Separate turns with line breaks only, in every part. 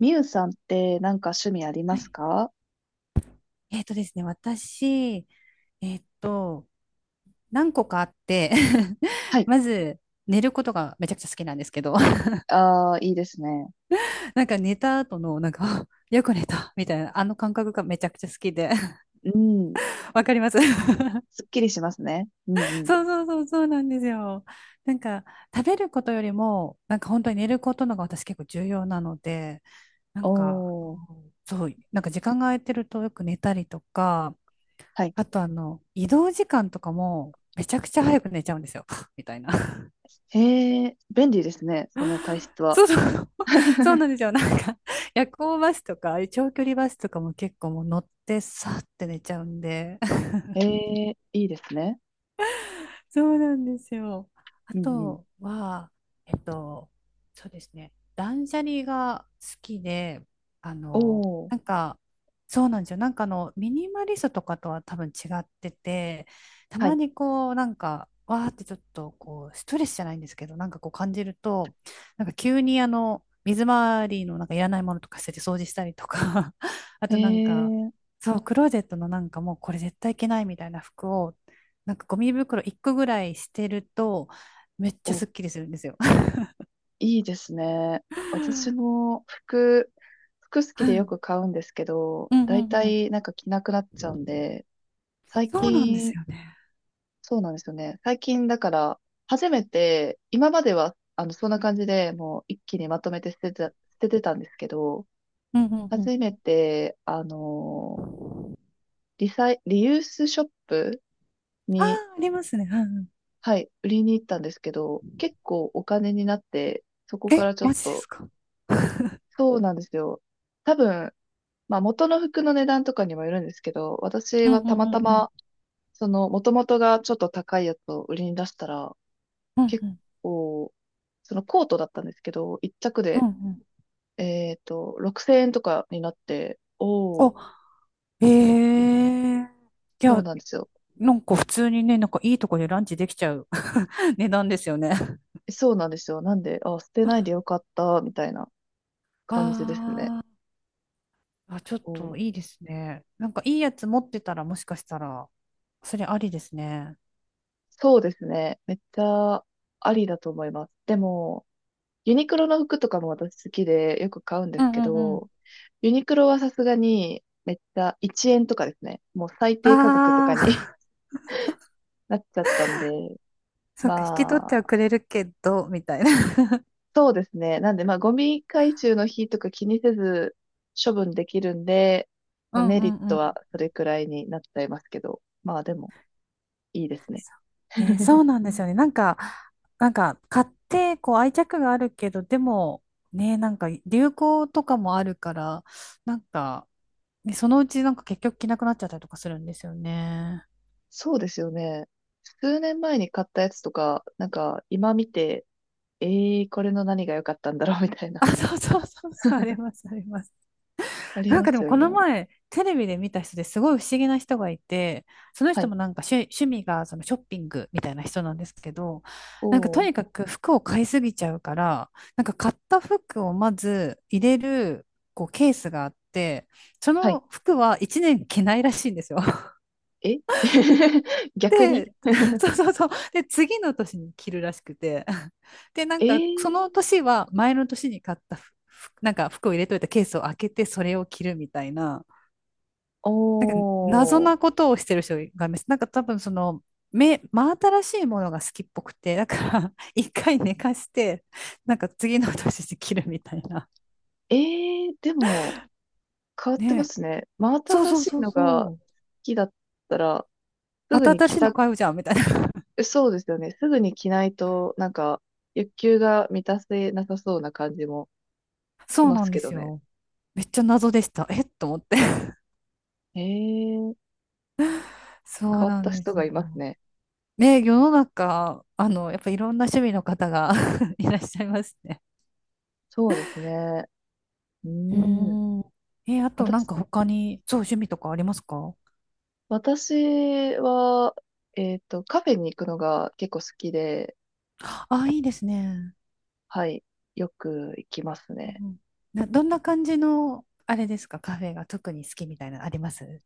みゆさんってなんか趣味ありま
は
す
い。
か？
えっとですね、私、えっと、何個かあって
は い。
まず、寝ることがめちゃくちゃ好きなんですけど、
ああ、いいですね。
なんか寝た後の、なんか、あ、よく寝た、みたいな、あの感覚がめちゃくちゃ好きで
うん。
わかります。
すっきりしますね。うんう ん。
そうそうそう、そうなんですよ。なんか、食べることよりも、なんか本当に寝ることのが私結構重要なので、なんか、
おー。
そう、なんか時間が空いてるとよく寝たりとか、
はい。
あと移動時間とかも、めちゃくちゃ早く寝ちゃうんですよ。みたいな。
へえ、便利ですね。その体質は。
そうそう。そうなん ですよ。なんか、夜行バスとか、ああいう長距離バスとかも結構もう乗って、さーって寝ちゃうんで、
へえ、いいですね。
そうなんですよ。あ
うんうん。
とは、えっと、そうですね、断捨離が好きで、
おー。
なんか、そうなんですよ。なんかミニマリストとかとは多分違ってて、た
は
ま
い。
にこう、なんか、わーってちょっとこう、ストレスじゃないんですけど、なんかこう感じると、なんか急に水回りのなんかいらないものとか捨てて掃除したりとか、あ
へ
となんか、
え、
そう、クローゼットのなんかもうこれ絶対いけないみたいな服をなんかゴミ袋1個ぐらいしてると、めっちゃす
お、
っきりするんですよ。
いいですね。私 も服、服好き
う
でよ
ん
く買うんですけど、
うんう
だい
ん
た
うん。
いなんか着なくなっちゃうんで、最
そうなんで
近
すよね。
そうなんですよね。最近だから、初めて、今までは、そんな感じでもう一気にまとめて捨てた、捨ててたんですけど、
うんうんうん。
初めて、リサイ、リユースショップ
あ
に、
あ、ありますね。うんうん。
はい、売りに行ったんですけど、結構お金になって、そこか
え、
らちょっ
マジで
と、
すか。
そうなんですよ。多分、まあ元の服の値段とかにもよるんですけど、私
うんう
はた
ん
ま
う
た
んうん。
ま、その、元々がちょっと高いやつを売りに出したら、
うん
結
うん。
構、そのコートだったんですけど、一着
うんう
で、
ん。
6000円とかになって、おー、
お、ええ、い
そう
や、
なんですよ。
なんか普通にね、なんかいいとこでランチできちゃう 値段ですよね。
そうなんですよ。なんで、あ、捨てないで よかった、みたいな
あ
感じですね。
ー、あ、ちょっ
お、
といいですね。なんかいいやつ持ってたらもしかしたら、それありですね。
そうですね。めっちゃありだと思います。でも、ユニクロの服とかも私好きでよく買うん
う
ですけ
んうん、
ど、ユニクロはさすがにめっちゃ1円とかですね。もう最低価格と
あ
かに
あ、
なっちゃったんで、
そっか、引き取っ
ま
ては
あ、
くれるけど、みたいな。
そうですね。なんで、まあ、ゴミ回収の日とか気にせず処分できるんで、
う
まあ、
ん
メ
う
リッ
んう
トは
ん。
それくらいになっちゃいますけど、まあでも、いいですね。
ね、そう なんですよね。なんか、買って、こう、愛着があるけど、でも、ね、なんか、流行とかもあるから、なんか、ね、そのうち、なんか、結局着なくなっちゃったりとかするんですよね。
そうですよね。数年前に買ったやつとか、なんか今見て、ええー、これの何が良かったんだろうみたいな、
あ、そうそうそうそう、あり ます、あります。
あり
なん
ま
かで
す
も
よ
こ
ね。
の前、テレビで見た人ですごい不思議な人がいて、その
は
人
い。
もなんか趣味がそのショッピングみたいな人なんですけど、なんか
お
とにか
ー。
く服を買いすぎちゃうから、なんか買った服をまず入れるこうケースがあって、そ
はい。
の服は1年着ないらしいんですよ。
え 逆に、
で、そうそうそう。で、次の年に着るらしくて。で、なん
えー、
かその年は前の年に買った服、なんか服を入れといたケースを開けてそれを着るみたいな。謎
おー。
なことをしてる人がいます。なんか多分その、目、真新しいものが好きっぽくて、だから 一回寝かして、なんか次の年で切るみたいな。
えー、でも、変わってま
ね。
すね。真
そう
新
そう
し
そ
い
う
のが好
そう。
きだったら、す
ま
ぐ
た
に
新
着
しいの
た、
買うじゃんみたいな。
そうですよね。すぐに着ないと、なんか、欲求が満たせなさそうな感じもし
そう
ま
な
す
んで
けど
す
ね。
よ。めっちゃ謎でした。えっと思って。
へえ、変
そう
わっ
なん
た
で
人
す
が
よ。
いますね。
ね、世の中、やっぱいろんな趣味の方が いらっしゃいますね。
そうですね。うー
う
ん。
ーん。え、あとなん
私、
か他に、そう、趣味とかありますか？
私は、カフェに行くのが結構好きで、
あ、いいですね。
はい、よく行きます
うんう
ね。
ん、どんな感じの、あれですか、カフェが特に好きみたいなのあります？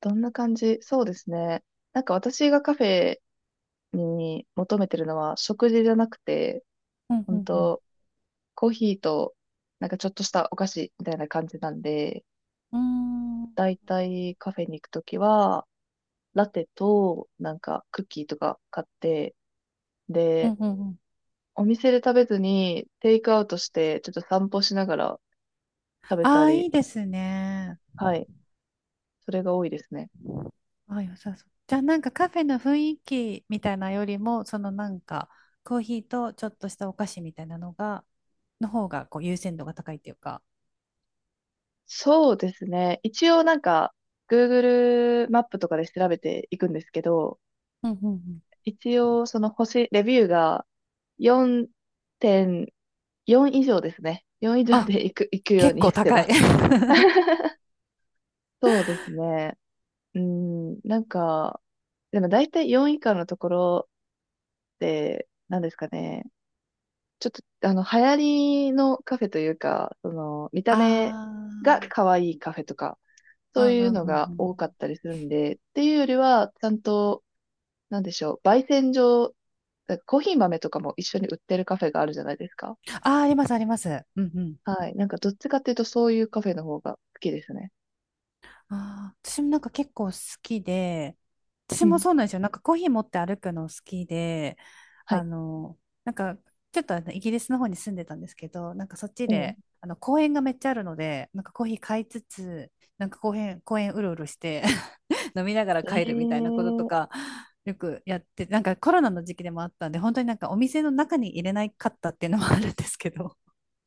どんな感じ、そうですね。なんか私がカフェに求めてるのは食事じゃなくて、
うんう
本
んうん。
当コーヒーとなんかちょっとしたお菓子みたいな感じなんで、
うーん。
だいたいカフェに行くときは、ラテとなんかクッキーとか買って、
うん
で、
うんうん。
お店で食べずにテイクアウトしてちょっと散歩しながら食べ
あ
た
あ、い
り、
いですね。
はい、それが多いですね。
ああ、良さそう。じゃあ、なんかカフェの雰囲気みたいなよりも、そのなんか、コーヒーとちょっとしたお菓子みたいなのが、の方がこう優先度が高いっていうか。
そうですね。一応なんか Google マップとかで調べていくんですけど、
うんうんうん。
一応、その星、レビューが4.4以上ですね。4以上
あ、
で行く、行くよう
結
に
構
して
高
ま
い。
す。そうですね。うん、なんか、でも大体4以下のところで、なんですかね。ちょっと、流行りのカフェというか、その、見た目が
あ
可愛いカフェとか、そう
あ、うんう
いう
ん
の
うん
が
うん。
多かったりするんで、っていうよりは、ちゃんと、なんでしょう、焙煎所、コーヒー豆とかも一緒に売ってるカフェがあるじゃないですか。
ああ、あります、あります。うんうん。
はい。なんか、どっちかっていうと、そういうカフェの方が好きですね。
あー、私もなんか結構好きで、
う
私も
ん。
そうなんですよ。なんかコーヒー持って歩くの好きで、
は
あ
い。
の、なんかちょっとあのイギリスの方に住んでたんですけど、なんかそっち
うん。
で、あの公園がめっちゃあるので、なんかコーヒー買いつつ、なんか公園うろうろして 飲みながら帰るみた
え
いなことと
え、
か、よくやって、なんかコロナの時期でもあったんで、本当になんかお店の中に入れないかったっていうのもあるんですけど、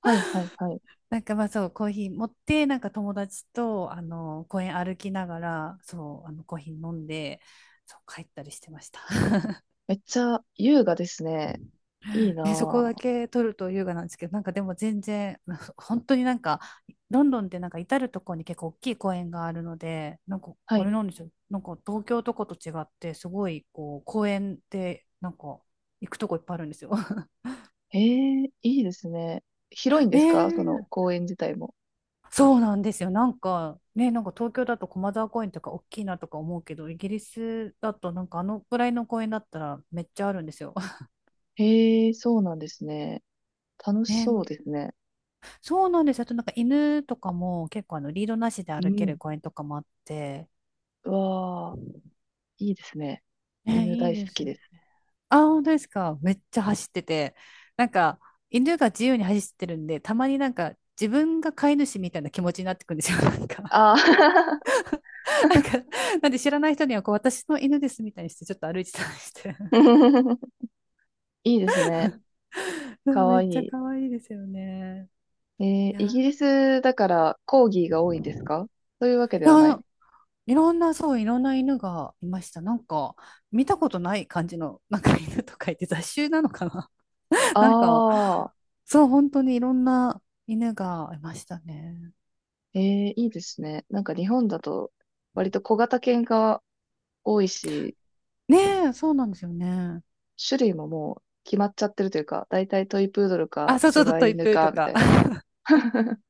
はい、はい、はい。
なんかまあそう、コーヒー持って、なんか友達と、公園歩きながら、そう、コーヒー飲んで、そう、帰ったりしてました。
めっちゃ優雅ですね。いいな
ね、そこだ
ぁ。
け取ると優雅なんですけど、なんかでも全然、本当になんか、ロンドンってなんか至るところに結構大きい公園があるので、なんか、
は
あ
い。
れなんですよ。なんか東京とかと違って、すごい、こう、公園って、なんか、行くとこいっぱいあるんですよ。
ええ、いいですね。広いんで
ね
すか、その
え、
公園自体も。
そうなんですよ。なんかね、なんか東京だと駒沢公園とか大きいなとか思うけど、イギリスだとなんかあのぐらいの公園だったらめっちゃあるんですよ。
へえ、そうなんですね。楽し
ね、
そうですね。
そうなんですよ。あとなんか犬とかも結構あのリードなしで
う
歩け
ん。
る公園とかもあって、
うわあ、いいですね。
ね、
犬
いい
大好
です
きで
よ。
す。
あ、本当ですか。めっちゃ走ってて、なんか犬が自由に走ってるんで、たまになんか自分が飼い主みたいな気持ちになってくるんですよ。なんか、
ああ
なんか、なんで知らない人にはこう私の犬ですみたいにしてちょっと歩いてたりして。
いいですね。
そう、
か
め
わ
っ
い
ちゃ
い。
可愛いですよね。
えー、
い
イ
や、い
ギリスだからコーギーが多いんですか？そういうわけではない。
や、いろんな、そう、いろんな犬がいました。なんか、見たことない感じの、なんか犬とかいて雑種なのかな。
あ
なんか、
あ、
そう、本当にいろんな犬がいましたね。
ええ、いいですね。なんか日本だと割と小型犬が多いし、
ねえ、そうなんですよね。
種類ももう決まっちゃってるというか、だいたいトイプードル
あ、
か
そうそうそう、
柴
トイ
犬
プーと
かみた
か。
いな。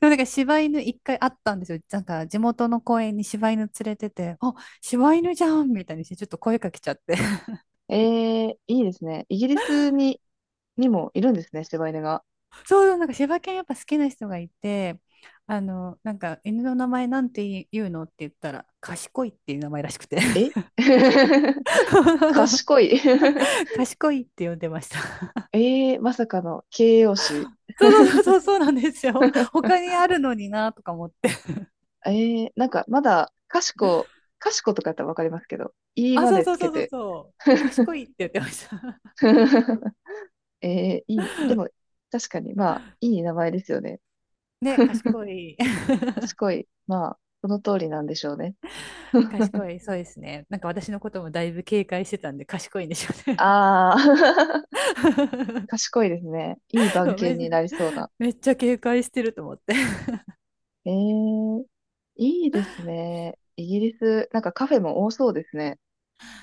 でもなんか、柴犬一回あったんですよ。なんか、地元の公園に柴犬連れてて、あ、柴犬じゃんみたいにして、ちょっと声かけちゃって。
ええ、いいですね。イギリスに、にもいるんですね、柴犬が。
そうそう、なんか柴犬やっぱ好きな人がいて、なんか犬の名前なんて言うのって言ったら、賢いっていう名前らしくて。
え 賢 い
賢いって呼んでました。
ええ、まさかの形容詞。
そうそうそうそう、そうなんですよ。他にあるのになとか思って。
ええ、なんかまだ、賢、賢とかやったらわかりますけど、い
あ、
ま
そう
で
そ
つ
うそ
け
うそう
て。
そう。賢 いって言ってました。
えー、いい、でも、確かに、まあ、いい名前ですよね。
ね、賢い。
賢い。まあ、その通りなんでしょうね。
賢 い、そうですね。なんか私のこともだいぶ警戒してたんで、賢いんでしょうね。
ああ、賢いですね。いい
そ
番
う
犬
め、
になりそうな。
めっちゃ警戒してると思って。
えー、いいですね。イギリス、なんかカフェも多そうですね。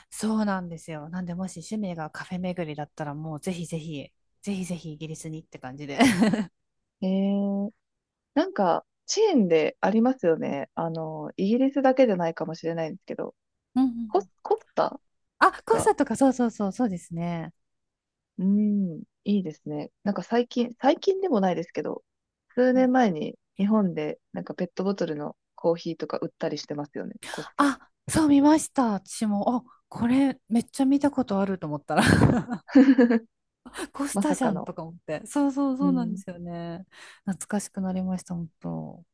そうなんですよ。なんで、もし趣味がカフェ巡りだったら、もうぜひぜひ、ぜひぜひイギリスにって感じで。
えー、なんか、チェーンでありますよね。あの、イギリスだけじゃないかもしれないんですけど、
うんうんうん、
コスタ
あ、
と
コン
か、
サートか、そうそうそう、そうですね。
うん、いいですね。なんか最近、最近でもないですけど、数
う
年
ん、
前に日本でなんかペットボトルのコーヒーとか売ったりしてますよね、コスタ。
あ、そう見ました、私も。あ、これめっちゃ見たことあると思ったら コス
ま
タ
さ
じ
か
ゃん
の。
とか思って。そうそう
う
そう、なんで
ん
すよね。懐かしくなりました、本当。